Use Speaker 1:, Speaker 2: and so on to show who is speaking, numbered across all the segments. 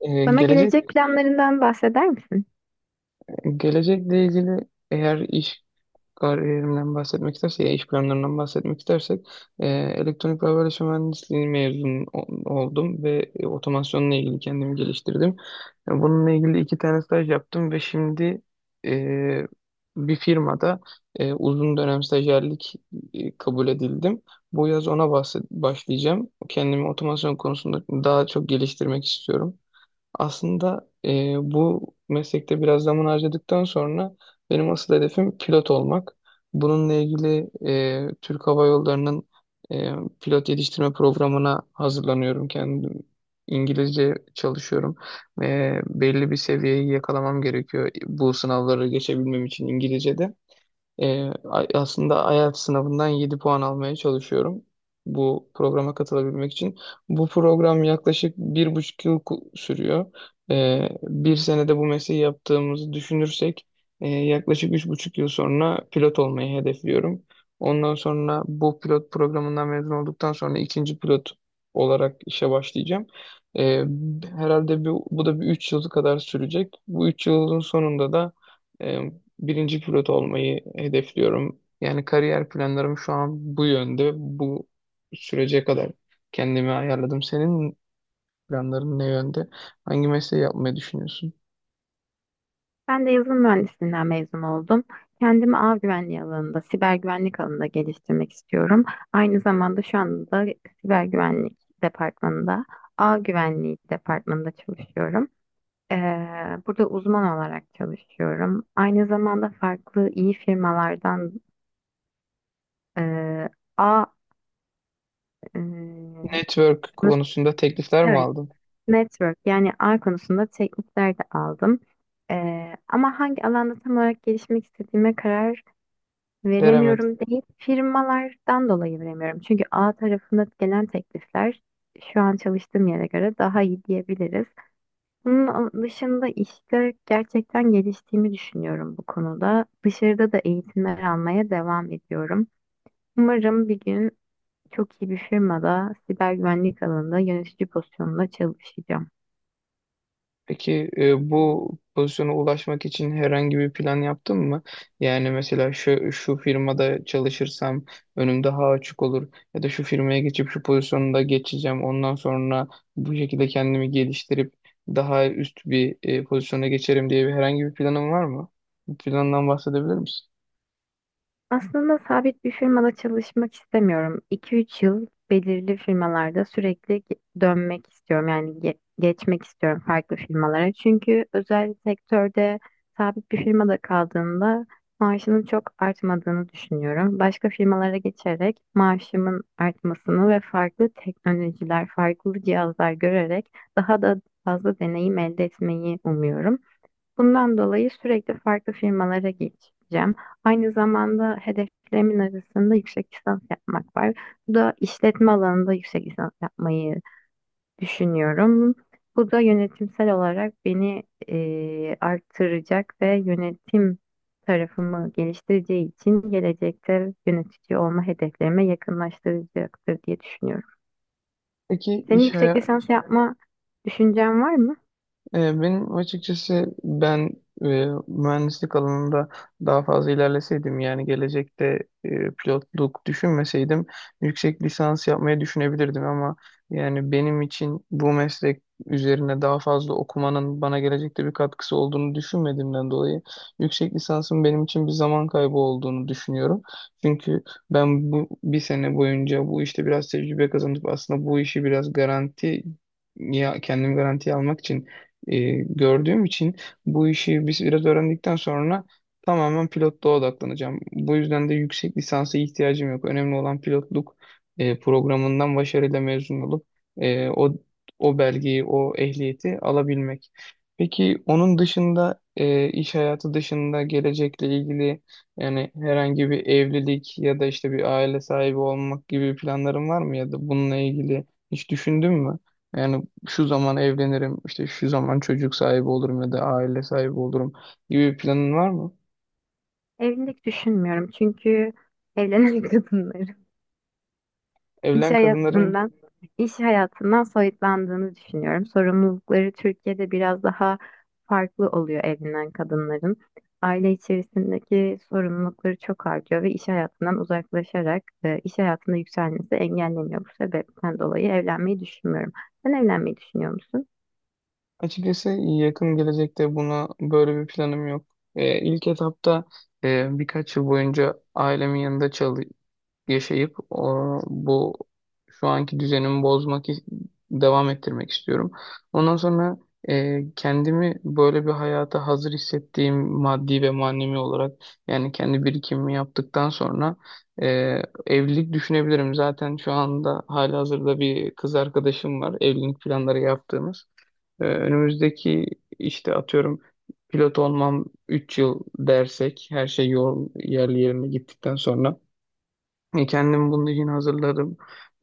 Speaker 1: Ee,
Speaker 2: Bana
Speaker 1: gelecek
Speaker 2: gelecek planlarından bahseder misin?
Speaker 1: Gelecekle ilgili, eğer iş kariyerimden bahsetmek istersek, ya iş planlarından bahsetmek istersek, elektronik ve haberleşme mühendisliği mezun oldum ve otomasyonla ilgili kendimi geliştirdim. Bununla ilgili iki tane staj yaptım ve şimdi e, bir firmada uzun dönem stajyerlik kabul edildim. Bu yaz ona başlayacağım. Kendimi otomasyon konusunda daha çok geliştirmek istiyorum. Aslında bu meslekte biraz zaman harcadıktan sonra benim asıl hedefim pilot olmak. Bununla ilgili Türk Hava Yolları'nın e, pilot yetiştirme programına hazırlanıyorum kendim. İngilizce çalışıyorum. Belli bir seviyeyi yakalamam gerekiyor bu sınavları geçebilmem için İngilizce'de. Aslında IELTS sınavından 7 puan almaya çalışıyorum bu programa katılabilmek için. Bu program yaklaşık 1,5 yıl sürüyor. Bir senede bu mesleği yaptığımızı düşünürsek yaklaşık 3,5 yıl sonra pilot olmayı hedefliyorum. Ondan sonra bu pilot programından mezun olduktan sonra ikinci pilot olarak işe başlayacağım. Ee, Herhalde bu da bir 3 yıl kadar sürecek. Bu 3 yılın sonunda da birinci pilot olmayı hedefliyorum. Yani kariyer planlarım şu an bu yönde. Bu sürece kadar kendimi ayarladım. Senin planların ne yönde? Hangi mesleği yapmayı düşünüyorsun?
Speaker 2: Ben de yazılım mühendisliğinden mezun oldum. Kendimi ağ güvenliği alanında, siber güvenlik alanında geliştirmek istiyorum. Aynı zamanda şu anda siber güvenlik departmanında, ağ güvenliği departmanında çalışıyorum. Ee, burada uzman olarak çalışıyorum. Aynı zamanda farklı iyi firmalardan e, ağ, e,
Speaker 1: Network konusunda teklifler mi
Speaker 2: evet.
Speaker 1: aldın?
Speaker 2: Network yani ağ konusunda teknikler de aldım. Ama hangi alanda tam olarak gelişmek istediğime karar
Speaker 1: Veremedin.
Speaker 2: veremiyorum değil, firmalardan dolayı veremiyorum. Çünkü ağ tarafında gelen teklifler şu an çalıştığım yere göre daha iyi diyebiliriz. Bunun dışında işte gerçekten geliştiğimi düşünüyorum bu konuda. Dışarıda da eğitimler almaya devam ediyorum. Umarım bir gün çok iyi bir firmada siber güvenlik alanında yönetici pozisyonunda çalışacağım.
Speaker 1: Peki bu pozisyona ulaşmak için herhangi bir plan yaptın mı? Yani mesela şu firmada çalışırsam önüm daha açık olur ya da şu firmaya geçip şu pozisyonda geçeceğim. Ondan sonra bu şekilde kendimi geliştirip daha üst bir pozisyona geçerim diye bir herhangi bir planın var mı? Bu plandan bahsedebilir misin?
Speaker 2: Aslında sabit bir firmada çalışmak istemiyorum. 2 üç yıl belirli firmalarda sürekli dönmek istiyorum. Yani geçmek istiyorum farklı firmalara. Çünkü özel sektörde sabit bir firmada kaldığımda maaşının çok artmadığını düşünüyorum. Başka firmalara geçerek maaşımın artmasını ve farklı teknolojiler, farklı cihazlar görerek daha da fazla deneyim elde etmeyi umuyorum. Bundan dolayı sürekli farklı firmalara geçeceğim. Aynı zamanda hedeflerimin arasında yüksek lisans yapmak var. Bu da işletme alanında yüksek lisans yapmayı düşünüyorum. Bu da yönetimsel olarak beni arttıracak ve yönetim tarafımı geliştireceği için gelecekte yönetici olma hedeflerime yakınlaştıracaktır diye düşünüyorum.
Speaker 1: Peki
Speaker 2: Senin
Speaker 1: iş,
Speaker 2: yüksek
Speaker 1: haya-
Speaker 2: lisans yapma düşüncen var mı?
Speaker 1: Benim açıkçası ben mühendislik alanında daha fazla ilerleseydim, yani gelecekte pilotluk düşünmeseydim yüksek lisans yapmayı düşünebilirdim, ama yani benim için bu meslek üzerine daha fazla okumanın bana gelecekte bir katkısı olduğunu düşünmediğimden dolayı yüksek lisansın benim için bir zaman kaybı olduğunu düşünüyorum. Çünkü ben bu bir sene boyunca bu işte biraz tecrübe kazanıp aslında bu işi biraz garanti, ya kendim garantiye almak için gördüğüm için bu işi biz biraz öğrendikten sonra tamamen pilotluğa odaklanacağım. Bu yüzden de yüksek lisansa ihtiyacım yok. Önemli olan pilotluk programından başarıyla mezun olup e, o o belgeyi, o ehliyeti alabilmek. Peki onun dışında iş hayatı dışında gelecekle ilgili, yani herhangi bir evlilik ya da işte bir aile sahibi olmak gibi planların var mı ya da bununla ilgili hiç düşündün mü? Yani şu zaman evlenirim, işte şu zaman çocuk sahibi olurum ya da aile sahibi olurum gibi bir planın var mı?
Speaker 2: Evlilik düşünmüyorum çünkü evlenen kadınları. Evet.
Speaker 1: Evlen kadınların
Speaker 2: İş hayatından soyutlandığını düşünüyorum. Sorumlulukları Türkiye'de biraz daha farklı oluyor evlenen kadınların. Aile içerisindeki sorumlulukları çok artıyor ve iş hayatından uzaklaşarak iş hayatında yükselmesi engelleniyor. Bu sebepten dolayı evlenmeyi düşünmüyorum. Sen evlenmeyi düşünüyor musun?
Speaker 1: açıkçası yakın gelecekte buna böyle bir planım yok. İlk etapta birkaç yıl boyunca ailemin yanında yaşayıp bu şu anki düzenimi devam ettirmek istiyorum. Ondan sonra kendimi böyle bir hayata hazır hissettiğim, maddi ve manevi olarak yani kendi birikimimi yaptıktan sonra e, evlilik düşünebilirim. Zaten şu anda halihazırda bir kız arkadaşım var, evlilik planları yaptığımız. Önümüzdeki, işte atıyorum, pilot olmam 3 yıl dersek, her şey yol yerli yerine gittikten sonra kendim bunun için hazırlarım.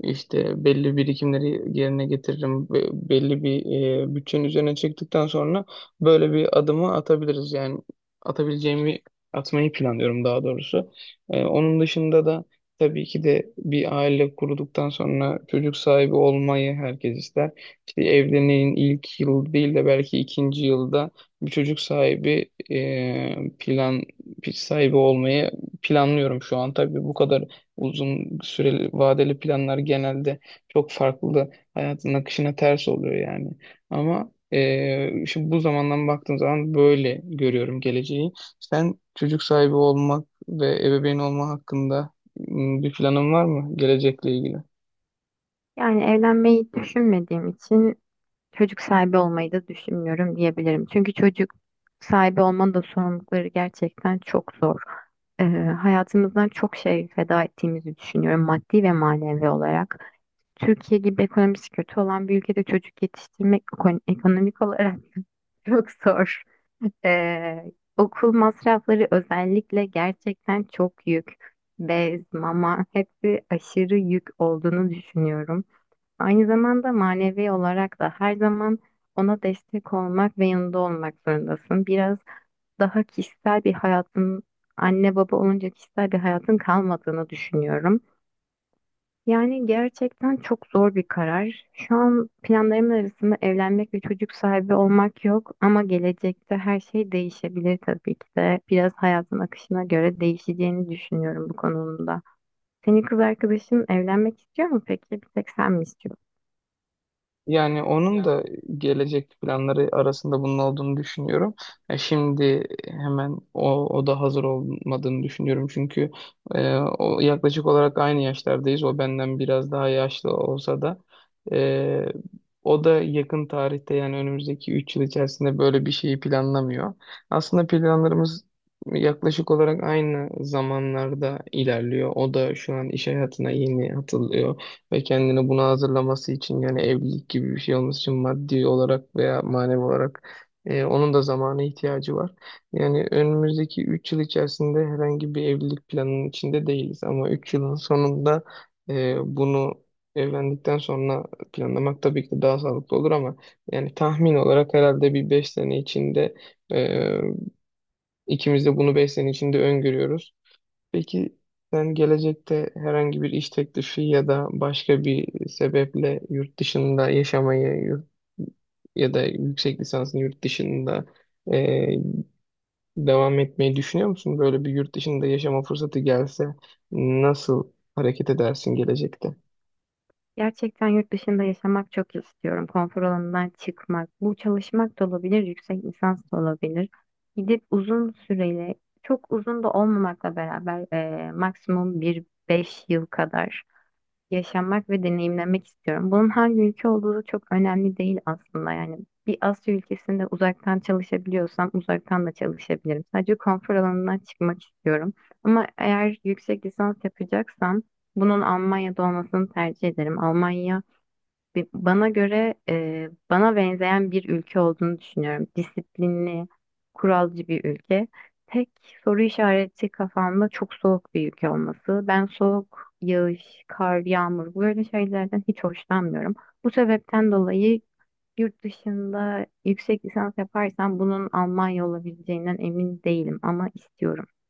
Speaker 1: İşte belli birikimleri yerine getiririm. Belli bir bütçenin üzerine çıktıktan sonra böyle bir adımı atabiliriz. Yani atabileceğimi atmayı planlıyorum daha doğrusu. Onun dışında da tabii ki de bir aile kurduktan sonra çocuk sahibi olmayı herkes ister. İşte evliliğin ilk yıl değil de belki ikinci yılda bir çocuk sahibi plan sahibi olmayı planlıyorum şu an. Tabii bu kadar uzun süreli vadeli planlar genelde çok farklı hayatın akışına ters oluyor yani. Ama şimdi bu zamandan baktığım zaman böyle görüyorum geleceği. Sen çocuk sahibi olmak ve ebeveyn olma hakkında bir planın var mı gelecekle ilgili?
Speaker 2: Yani evlenmeyi düşünmediğim için çocuk sahibi olmayı da düşünmüyorum diyebilirim. Çünkü çocuk sahibi olmanın da sorumlulukları gerçekten çok zor. Ee, hayatımızdan çok şey feda ettiğimizi düşünüyorum maddi ve manevi olarak. Türkiye gibi ekonomisi kötü olan bir ülkede çocuk yetiştirmek ekonomik olarak çok zor. Ee, okul masrafları özellikle gerçekten çok yük. Bez, mama hepsi aşırı yük olduğunu düşünüyorum. Aynı zamanda manevi olarak da her zaman ona destek olmak ve yanında olmak zorundasın. Biraz daha kişisel bir hayatın, anne baba olunca kişisel bir hayatın kalmadığını düşünüyorum. Yani gerçekten çok zor bir karar. Şu an planlarımın arasında evlenmek ve çocuk sahibi olmak yok ama gelecekte her şey değişebilir tabii ki de. Biraz hayatın akışına göre değişeceğini düşünüyorum bu konuda. Senin kız arkadaşın evlenmek istiyor mu peki? Bir tek sen mi istiyorsun?
Speaker 1: Yani onun da gelecek planları arasında bunun olduğunu düşünüyorum. Ya şimdi hemen o da hazır olmadığını düşünüyorum. Çünkü o, yaklaşık olarak aynı yaşlardayız. O benden biraz daha yaşlı olsa da e, o da yakın tarihte, yani önümüzdeki 3 yıl içerisinde böyle bir şeyi planlamıyor. Aslında planlarımız yaklaşık olarak aynı zamanlarda ilerliyor. O da şu an iş hayatına yeni atılıyor ve kendini buna hazırlaması için, yani evlilik gibi bir şey olması için maddi olarak veya manevi olarak onun da zamana ihtiyacı var. Yani önümüzdeki 3 yıl içerisinde herhangi bir evlilik planının içinde değiliz, ama 3 yılın sonunda bunu evlendikten sonra planlamak tabii ki de daha sağlıklı olur, ama yani tahmin olarak herhalde bir 5 sene içinde e, ikimiz de bunu 5 sene içinde öngörüyoruz. Peki sen gelecekte herhangi bir iş teklifi ya da başka bir sebeple yurt dışında yaşamayı, ya da yüksek lisansını yurt dışında e, devam etmeyi düşünüyor musun? Böyle bir yurt dışında yaşama fırsatı gelse nasıl hareket edersin gelecekte?
Speaker 2: Gerçekten yurt dışında yaşamak çok istiyorum. Konfor alanından çıkmak. Bu çalışmak da olabilir, yüksek lisans da olabilir. Gidip uzun süreli, çok uzun da olmamakla beraber maksimum bir 5 yıl kadar yaşamak ve deneyimlemek istiyorum. Bunun hangi ülke olduğu da çok önemli değil aslında. Yani bir Asya ülkesinde uzaktan çalışabiliyorsam uzaktan da çalışabilirim. Sadece konfor alanından çıkmak istiyorum. Ama eğer yüksek lisans yapacaksam bunun Almanya'da olmasını tercih ederim. Almanya Bana göre bana benzeyen bir ülke olduğunu düşünüyorum. Disiplinli, kuralcı bir ülke. Tek soru işareti kafamda çok soğuk bir ülke olması. Ben soğuk, yağış, kar, yağmur böyle şeylerden hiç hoşlanmıyorum. Bu sebepten dolayı yurt dışında yüksek lisans yaparsam bunun Almanya olabileceğinden emin değilim ama istiyorum.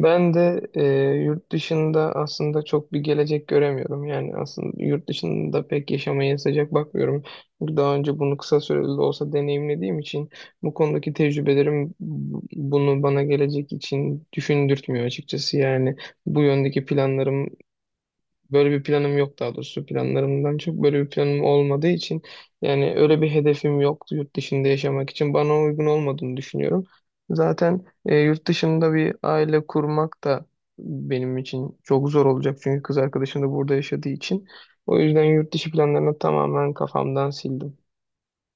Speaker 1: Ben de yurt dışında aslında çok bir gelecek göremiyorum. Yani aslında yurt dışında pek yaşamaya sıcak bakmıyorum. Çünkü daha önce bunu kısa süreli de olsa deneyimlediğim için bu konudaki tecrübelerim bunu bana gelecek için düşündürtmüyor açıkçası. Yani bu yöndeki planlarım, böyle bir planım yok daha doğrusu, planlarımdan çok böyle bir planım olmadığı için, yani öyle bir hedefim yok, yurt dışında yaşamak için bana uygun olmadığını düşünüyorum. Zaten yurt dışında bir aile kurmak da benim için çok zor olacak çünkü kız arkadaşım da burada yaşadığı için. O yüzden yurt dışı planlarını tamamen kafamdan sildim.